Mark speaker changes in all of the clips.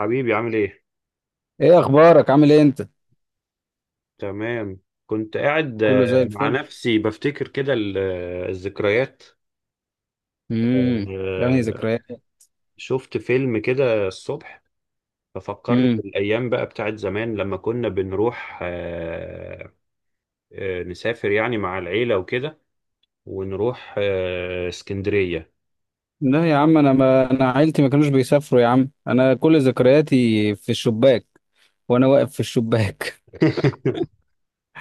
Speaker 1: حبيبي، عامل ايه؟
Speaker 2: ايه اخبارك؟ عامل ايه انت؟
Speaker 1: تمام. كنت قاعد
Speaker 2: كله زي
Speaker 1: مع
Speaker 2: الفل.
Speaker 1: نفسي بفتكر كده الذكريات.
Speaker 2: امم يعني
Speaker 1: آه،
Speaker 2: ذكريات.
Speaker 1: شفت فيلم كده الصبح. ففكرني
Speaker 2: امم
Speaker 1: بالأيام بقى بتاعت زمان لما كنا بنروح نسافر يعني مع العيلة وكده، ونروح اسكندرية.
Speaker 2: لا يا عم، انا، ما انا عيلتي ما كانوش بيسافروا يا عم. انا كل ذكرياتي في الشباك، وانا واقف في الشباك.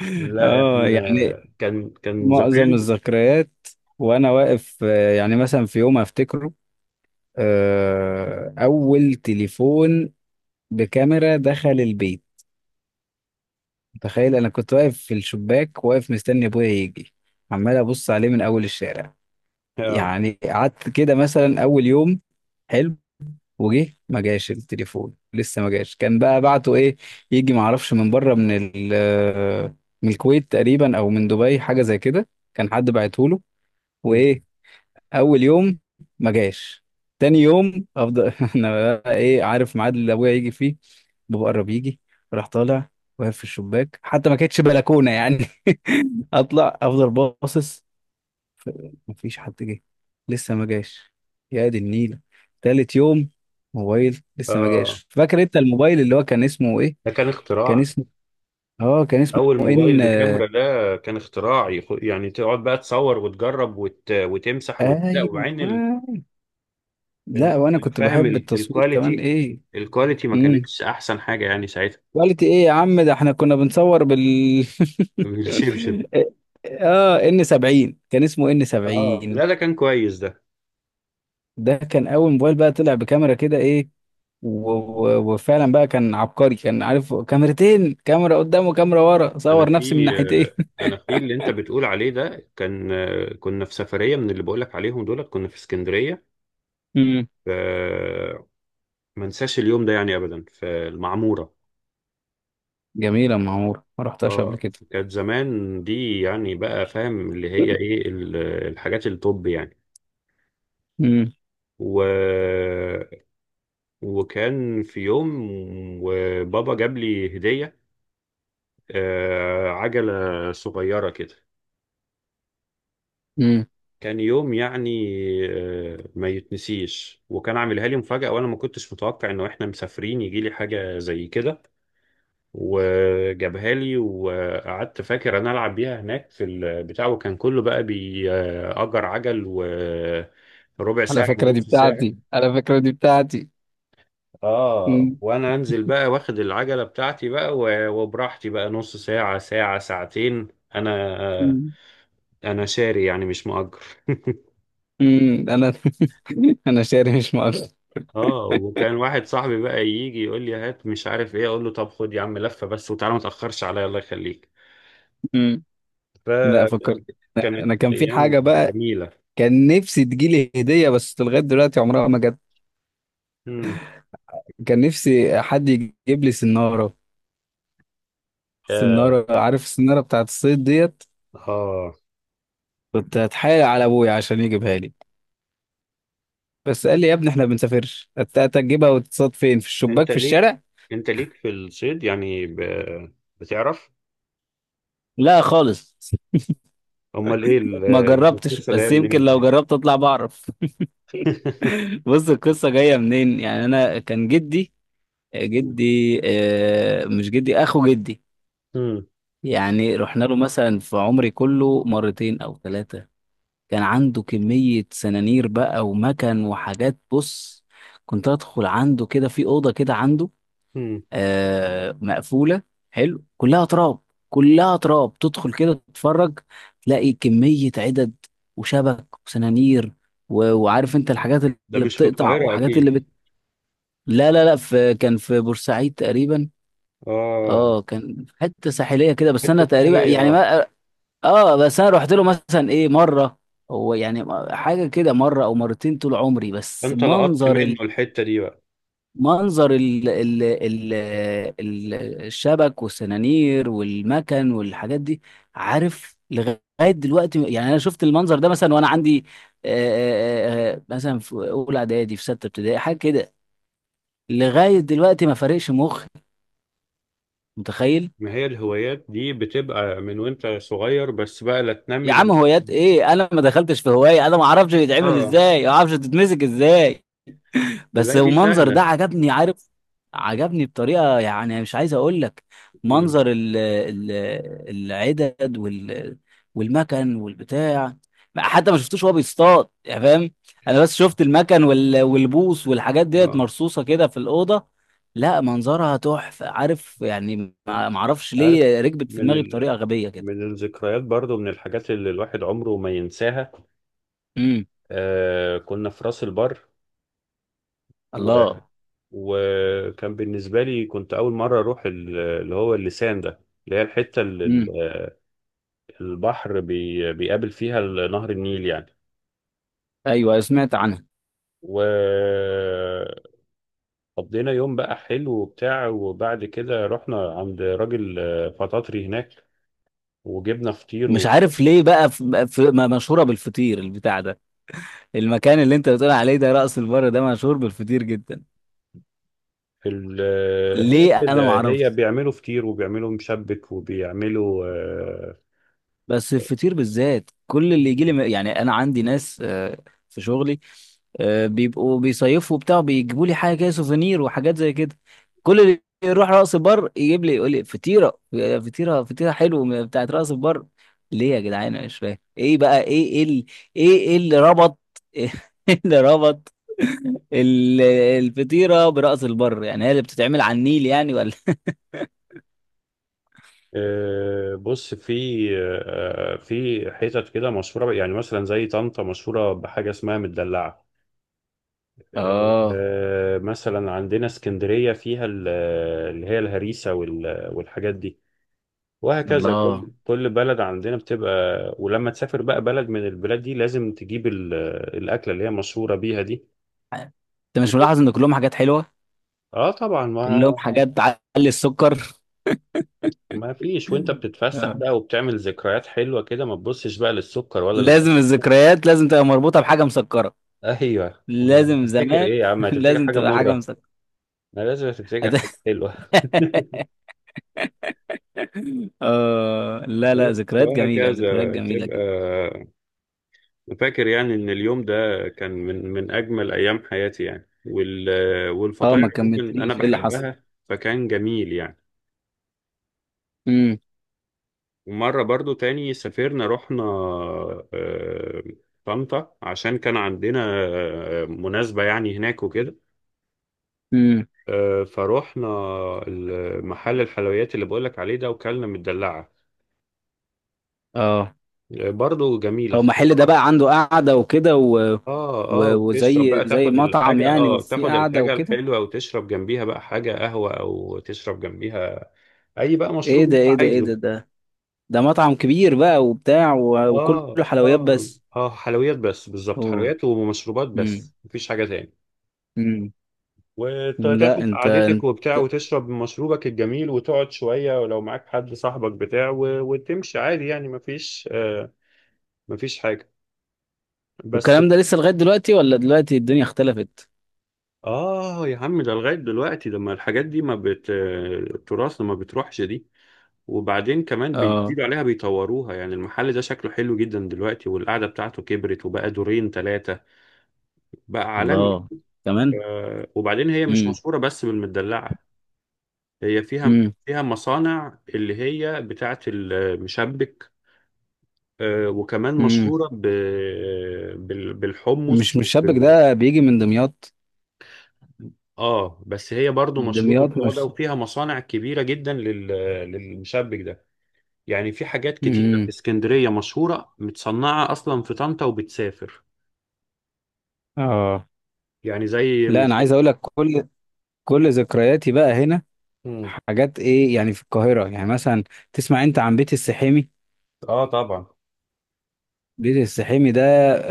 Speaker 1: لا، احنا
Speaker 2: اه يعني
Speaker 1: كان
Speaker 2: معظم
Speaker 1: زمان.
Speaker 2: الذكريات وانا واقف، يعني مثلا في يوم افتكره، اول تليفون بكاميرا دخل البيت. تخيل، انا كنت واقف في الشباك، واقف مستني ابويا يجي، عمال ابص عليه من اول الشارع.
Speaker 1: اه.
Speaker 2: يعني قعدت كده مثلا اول يوم، حلو، وجه ما جاش. التليفون لسه ما جاش. كان بقى بعته ايه، يجي ما اعرفش من بره، من ال من الكويت تقريبا او من دبي، حاجه زي كده. كان حد بعته له. وايه، اول يوم ما جاش. تاني يوم افضل انا بقى، ايه، عارف ميعاد اللي ابويا يجي فيه، بابا قرب يجي، راح طالع واقف في الشباك. حتى ما كانتش بلكونه يعني اطلع افضل باصص. ف- مفيش حد جه، لسه ما جاش. يا دي النيلة. تالت يوم، موبايل لسه ما
Speaker 1: آه،
Speaker 2: جاش. فاكر انت الموبايل اللي هو كان اسمه ايه؟
Speaker 1: ده كان
Speaker 2: كان
Speaker 1: اختراع.
Speaker 2: اسمه، اه كان اسمه
Speaker 1: اول موبايل
Speaker 2: ان،
Speaker 1: بكاميرا، ده كان اختراعي، يعني تقعد بقى تصور وتجرب وتمسح لا،
Speaker 2: ايوه
Speaker 1: وبعدين
Speaker 2: آه. لا،
Speaker 1: ال-
Speaker 2: وانا كنت
Speaker 1: فاهم
Speaker 2: بحب التصوير كمان،
Speaker 1: الكواليتي.
Speaker 2: ايه.
Speaker 1: الكواليتي ما
Speaker 2: امم
Speaker 1: كانتش احسن حاجه يعني ساعتها.
Speaker 2: كواليتي ايه يا عم؟ ده احنا كنا بنصور بال
Speaker 1: بالشبشب.
Speaker 2: اه، ان 70 كان اسمه ان
Speaker 1: اه، لا
Speaker 2: 70.
Speaker 1: ده كان كويس ده.
Speaker 2: ده كان اول موبايل بقى طلع بكاميرا كده، ايه. و- و- وفعلا بقى كان عبقري. كان عارف، كاميرتين، كاميرا قدام وكاميرا ورا.
Speaker 1: انا
Speaker 2: صور
Speaker 1: في
Speaker 2: نفسي من ناحيتين.
Speaker 1: انا في اللي انت بتقول عليه ده، كان كنا في سفريه من اللي بقولك عليهم دولت، كنا في اسكندريه.
Speaker 2: امم
Speaker 1: ف- ما انساش اليوم ده يعني ابدا في المعموره.
Speaker 2: جميلة معمورة، ما رحتهاش قبل
Speaker 1: اه.
Speaker 2: كده.
Speaker 1: كانت زمان دي، يعني بقى فاهم اللي هي ايه، الحاجات الطب يعني.
Speaker 2: امم
Speaker 1: و... وكان في يوم، وبابا جاب لي هدية، عجلة صغيرة كده.
Speaker 2: امم
Speaker 1: كان يوم يعني ما يتنسيش، وكان عاملها لي مفاجأة، وانا ما كنتش متوقع انه احنا مسافرين يجي لي حاجة زي كده. وجابها لي، وقعدت فاكر انا العب بيها هناك في البتاع، وكان كله بقى بيأجر عجل، وربع
Speaker 2: على
Speaker 1: ساعة
Speaker 2: فكرة دي
Speaker 1: ونص ساعة.
Speaker 2: بتاعتي، على فكرة دي بتاعتي.
Speaker 1: اه،
Speaker 2: امم
Speaker 1: وانا انزل بقى واخد العجلة بتاعتي بقى، وبراحتي بقى، نص ساعة، ساعة، ساعتين. انا آه،
Speaker 2: امم
Speaker 1: انا شاري، يعني مش مؤجر.
Speaker 2: انا انا شاري مش مؤاخذة.
Speaker 1: اه، وكان واحد صاحبي بقى يجي يقول لي هات، مش عارف ايه، اقول له طب خد يا عم لفة بس، وتعالى ما تأخرش عليا، الله يخليك.
Speaker 2: امم لا،
Speaker 1: فكانت
Speaker 2: فكرت انا، أنا كان في
Speaker 1: ايام
Speaker 2: حاجة بقى.
Speaker 1: جميلة.
Speaker 2: كان نفسي تجيلي هدية، بس لغاية دلوقتي عمرها ما جت.
Speaker 1: مم.
Speaker 2: كان نفسي حد يجيب لي سنارة، سنارة. عارف السنارة بتاعت الصيد ديت؟
Speaker 1: اه،
Speaker 2: كنت هتحايل على ابويا عشان يجيبها لي، بس قال لي يا ابني احنا ما بنسافرش، هتجيبها وتتصاد فين؟ في الشباك
Speaker 1: انت
Speaker 2: في
Speaker 1: ليك
Speaker 2: الشارع؟
Speaker 1: انت ليك في الصيد يعني، بتعرف؟
Speaker 2: لا خالص،
Speaker 1: امال ايه
Speaker 2: ما جربتش،
Speaker 1: القصه جايه
Speaker 2: بس يمكن
Speaker 1: منين
Speaker 2: لو
Speaker 1: طيب؟
Speaker 2: جربت اطلع بعرف. بص، القصه جايه منين؟ يعني انا، كان جدي،
Speaker 1: مم.
Speaker 2: جدي، مش جدي، اخو جدي.
Speaker 1: مم.
Speaker 2: يعني رحنا له مثلا في عمري كله مرتين او ثلاثه. كان عنده كميه سنانير بقى، ومكن وحاجات. بص، كنت ادخل عنده كده في اوضه كده عنده،
Speaker 1: مم.
Speaker 2: مقفوله. حلو. كلها تراب، كلها تراب. تدخل كده تتفرج، تلاقي كميه عدد، وشبك وسنانير، و- وعارف انت الحاجات
Speaker 1: ده
Speaker 2: اللي
Speaker 1: مش في
Speaker 2: بتقطع،
Speaker 1: القاهره
Speaker 2: وحاجات
Speaker 1: اكيد؟
Speaker 2: لا، في، كان في بورسعيد تقريبا.
Speaker 1: اه.
Speaker 2: اه، كان في حته ساحليه كده. بس
Speaker 1: حته
Speaker 2: انا تقريبا
Speaker 1: ساحليه.
Speaker 2: يعني
Speaker 1: اه.
Speaker 2: ما، اه، بس انا رحت له مثلا ايه، مره، هو يعني، حاجه كده مره او مرتين طول عمري. بس
Speaker 1: انت لقطت منه
Speaker 2: منظر،
Speaker 1: الحته دي بقى؟
Speaker 2: منظر ال الشبك والسنانير والمكن والحاجات دي. عارف لغاية دلوقتي يعني؟ أنا شفت المنظر ده مثلا وأنا عندي، مثلا في أولى إعدادي، في ستة ابتدائي، حاجة كده. لغاية دلوقتي ما فارقش مخي، متخيل.
Speaker 1: ما هي الهوايات دي بتبقى من وانت صغير، بس بقى لا تنمي
Speaker 2: يا عم
Speaker 1: الهو...
Speaker 2: هوايات إيه؟ أنا ما دخلتش في هواية، أنا ما أعرفش بيتعمل
Speaker 1: اه،
Speaker 2: إزاي، ما أعرفش تتمسك إزاي. بس
Speaker 1: لا دي
Speaker 2: المنظر ده
Speaker 1: سهله.
Speaker 2: عجبني، عارف؟ عجبني بطريقة يعني مش عايز اقول لك.
Speaker 1: مم.
Speaker 2: منظر ال العدد وال، والمكن والبتاع. حتى ما شفتوش وهو بيصطاد، يعني فاهم؟ انا بس شفت المكن وال، والبوص والحاجات ديت،
Speaker 1: اه،
Speaker 2: مرصوصة كده في الأوضة. لا منظرها تحفة عارف يعني. ما اعرفش
Speaker 1: عارف.
Speaker 2: ليه ركبت في
Speaker 1: من
Speaker 2: دماغي
Speaker 1: ال...
Speaker 2: بطريقة غبية كده.
Speaker 1: من الذكريات برضو، من الحاجات اللي الواحد عمره ما ينساها.
Speaker 2: امم
Speaker 1: كنا في راس البر. و...
Speaker 2: الله.
Speaker 1: وكان بالنسبة لي، كنت أول مرة أروح اللي هو اللسان ده، اللي هي الحتة اللي
Speaker 2: امم
Speaker 1: البحر بيقابل فيها نهر النيل يعني.
Speaker 2: ايوه سمعت عنها.
Speaker 1: وقضينا يوم بقى حلو وبتاع، وبعد كده رحنا عند راجل فطاطري هناك، وجبنا فطير
Speaker 2: مش
Speaker 1: و...
Speaker 2: عارف ليه بقى، مشهورة بالفطير البتاع ده. المكان اللي انت بتقول عليه ده، رأس البر ده مشهور بالفطير جدا،
Speaker 1: ال... آه، هي
Speaker 2: ليه؟
Speaker 1: كده.
Speaker 2: انا ما
Speaker 1: هي
Speaker 2: اعرفش.
Speaker 1: بيعملوا فطير، وبيعملوا مشبك، وبيعملوا
Speaker 2: بس الفطير بالذات، كل اللي يجي
Speaker 1: آه،
Speaker 2: لي، يعني انا عندي ناس، في شغلي، بيبقوا بيصيفوا وبتاع، بيجيبوا لي حاجه كده، سوفينير وحاجات زي كده. كل اللي يروح راس البر يجيب لي، يقول لي فطيره، فطيره حلوه بتاعت راس البر. ليه يا جدعان؟ انا مش فاهم ايه بقى، ايه إيه اللي ربط ايه اللي ربط ال- الفطيره براس البر؟ يعني هي اللي بتتعمل على النيل يعني، ولا؟
Speaker 1: بص، في حتت كده مشهورة، يعني مثلا زي طنطا مشهورة بحاجة اسمها مدلعة.
Speaker 2: اه.
Speaker 1: مثلا عندنا اسكندرية فيها اللي هي الهريسة والحاجات دي. وهكذا كل
Speaker 2: الله.
Speaker 1: كل بلد عندنا بتبقى. ولما تسافر بقى بلد من البلاد دي، لازم تجيب الأكلة اللي هي مشهورة بيها دي.
Speaker 2: انت مش ملاحظ ان كلهم حاجات حلوه؟
Speaker 1: اه، طبعا. ما
Speaker 2: كلهم حاجات تعلي السكر.
Speaker 1: ما فيش، وانت بتتفسح
Speaker 2: آه.
Speaker 1: بقى وبتعمل ذكريات حلوة كده، ما تبصش بقى للسكر ولا.
Speaker 2: لازم الذكريات لازم تبقى مربوطة بحاجة مسكرة.
Speaker 1: ايوه، امال
Speaker 2: لازم
Speaker 1: هتفتكر
Speaker 2: زمان.
Speaker 1: ايه يا عم؟ هتفتكر
Speaker 2: لازم
Speaker 1: حاجه
Speaker 2: تبقى حاجة
Speaker 1: مره؟
Speaker 2: مسكرة.
Speaker 1: ما لازم تفتكر حاجه حلوه.
Speaker 2: آه لا لا،
Speaker 1: بس،
Speaker 2: ذكريات جميلة، ذكريات
Speaker 1: وهكذا
Speaker 2: جميلة
Speaker 1: تبقى.
Speaker 2: جدا.
Speaker 1: أنا فاكر يعني ان اليوم ده كان من اجمل ايام حياتي، يعني
Speaker 2: اه،
Speaker 1: والفطاير
Speaker 2: ما
Speaker 1: عموماً انا
Speaker 2: كملتليش، ايه اللي حصل؟
Speaker 1: بحبها، فكان جميل يعني.
Speaker 2: امم
Speaker 1: ومره برضو تاني سافرنا، رحنا آه، طنطا، عشان كان عندنا مناسبه يعني هناك وكده.
Speaker 2: امم
Speaker 1: فروحنا محل الحلويات اللي بقولك عليه ده، وكلنا مدلعه.
Speaker 2: اه،
Speaker 1: برضه جميل
Speaker 2: هو محل ده
Speaker 1: اختراع.
Speaker 2: بقى عنده قعدة وكده، و...
Speaker 1: اه، اه،
Speaker 2: و...
Speaker 1: وتشرب
Speaker 2: وزي،
Speaker 1: بقى،
Speaker 2: زي مطعم يعني، وفي
Speaker 1: تاخد
Speaker 2: قعدة
Speaker 1: الحاجة
Speaker 2: وكده.
Speaker 1: الحلوة وتشرب جنبيها بقى حاجة قهوة، او تشرب جنبيها. اي بقى
Speaker 2: ايه
Speaker 1: مشروب
Speaker 2: ده
Speaker 1: انت
Speaker 2: ايه ده ايه ده
Speaker 1: عايزه.
Speaker 2: ده ده مطعم كبير بقى وبتاع، و... وكله
Speaker 1: اه،
Speaker 2: حلويات
Speaker 1: اه،
Speaker 2: بس.
Speaker 1: اه، حلويات بس بالظبط.
Speaker 2: اوه.
Speaker 1: حلويات ومشروبات بس، مفيش حاجة تاني.
Speaker 2: امم لا،
Speaker 1: وتاخد
Speaker 2: انت
Speaker 1: قعدتك
Speaker 2: انت
Speaker 1: وبتاع، وتشرب مشروبك الجميل، وتقعد شوية، ولو معاك حد صاحبك بتاع وتمشي عادي، يعني مفيش حاجة بس.
Speaker 2: والكلام ده لسه لغاية دلوقتي، ولا دلوقتي الدنيا اختلفت؟
Speaker 1: آه يا عم، ده لغاية دلوقتي. لما الحاجات دي ما بت التراث، ما بتروحش دي. وبعدين كمان
Speaker 2: اه،
Speaker 1: بيزيدوا عليها، بيطوروها، يعني المحل ده شكله حلو جدا دلوقتي، والقعدة بتاعته كبرت وبقى دورين ثلاثة. بقى عالمي.
Speaker 2: الله، كمان.
Speaker 1: وبعدين هي مش
Speaker 2: امم
Speaker 1: مشهورة بس بالمدلعة. هي فيها
Speaker 2: امم
Speaker 1: فيها مصانع اللي هي بتاعة المشبك، وكمان
Speaker 2: امم
Speaker 1: مشهورة بالحمص.
Speaker 2: مش شابك ده بيجي من دمياط؟
Speaker 1: اه، بس هي برضو مشهورة
Speaker 2: دمياط
Speaker 1: بالموضوع ده،
Speaker 2: مش،
Speaker 1: وفيها مصانع كبيرة جدا للمشبك ده. يعني في حاجات كتيرة في
Speaker 2: امم
Speaker 1: اسكندرية مشهورة متصنعة أصلا في طنطا وبتسافر،
Speaker 2: اه.
Speaker 1: يعني زي
Speaker 2: لا
Speaker 1: مش.
Speaker 2: انا عايز اقول لك، كل ذكرياتي بقى هنا
Speaker 1: مم.
Speaker 2: حاجات ايه؟ يعني في القاهرة يعني مثلا، تسمع انت عن بيت السحيمي؟
Speaker 1: اه، طبعا.
Speaker 2: بيت السحيمي ده،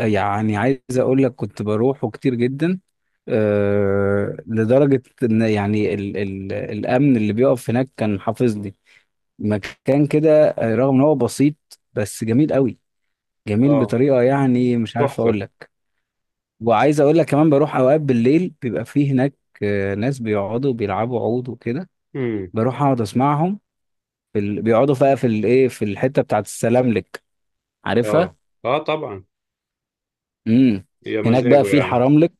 Speaker 2: يعني عايز اقول لك كنت بروحه كتير جدا. أه لدرجة ان يعني ال الامن اللي بيقف هناك كان حافظ لي مكان كده، رغم ان هو بسيط، بس جميل قوي. جميل
Speaker 1: اه،
Speaker 2: بطريقة يعني مش عارف
Speaker 1: تحفة.
Speaker 2: اقول لك. وعايز اقول لك كمان، بروح اوقات بالليل، بيبقى فيه هناك، ناس بيقعدوا بيلعبوا عود وكده.
Speaker 1: امم.
Speaker 2: بروح اقعد اسمعهم. بيقعدوا بقى في الايه، في الحتة بتاعت السلاملك،
Speaker 1: اه،
Speaker 2: عارفها؟
Speaker 1: اه، طبعا.
Speaker 2: امم
Speaker 1: يا
Speaker 2: هناك بقى
Speaker 1: مزاجه
Speaker 2: في
Speaker 1: يا عم.
Speaker 2: الحراملك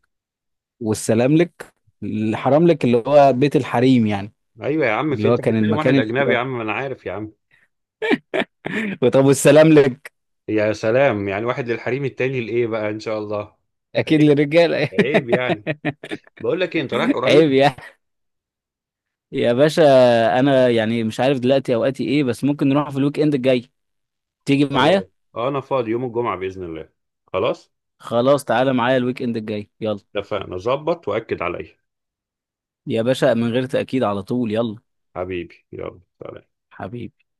Speaker 2: والسلام لك. الحرام لك اللي هو بيت الحريم يعني،
Speaker 1: ايوه يا عم، في
Speaker 2: اللي هو
Speaker 1: انت
Speaker 2: كان
Speaker 1: بتتكلم
Speaker 2: المكان
Speaker 1: واحد اجنبي؟ يا
Speaker 2: اللي...
Speaker 1: عم ما انا عارف يا عم.
Speaker 2: طب والسلام لك؟
Speaker 1: يا سلام! يعني واحد للحريم، التاني لايه بقى ان شاء الله؟
Speaker 2: اكيد
Speaker 1: عيب.
Speaker 2: للرجاله.
Speaker 1: عيب يعني. بقول لك ايه، انت رايح
Speaker 2: عيب
Speaker 1: قريب؟
Speaker 2: يعني. يا باشا انا يعني مش عارف دلوقتي اوقاتي ايه، بس ممكن نروح في الويك اند الجاي، تيجي
Speaker 1: خلاص،
Speaker 2: معايا؟
Speaker 1: انا فاضي يوم الجمعة بإذن الله. خلاص،
Speaker 2: خلاص، تعالى معايا الويك اند الجاي يلا.
Speaker 1: اتفقنا. ظبط وأكد عليا.
Speaker 2: يا باشا، من غير تأكيد، على طول يلا.
Speaker 1: حبيبي، يلا سلام.
Speaker 2: حبيبي.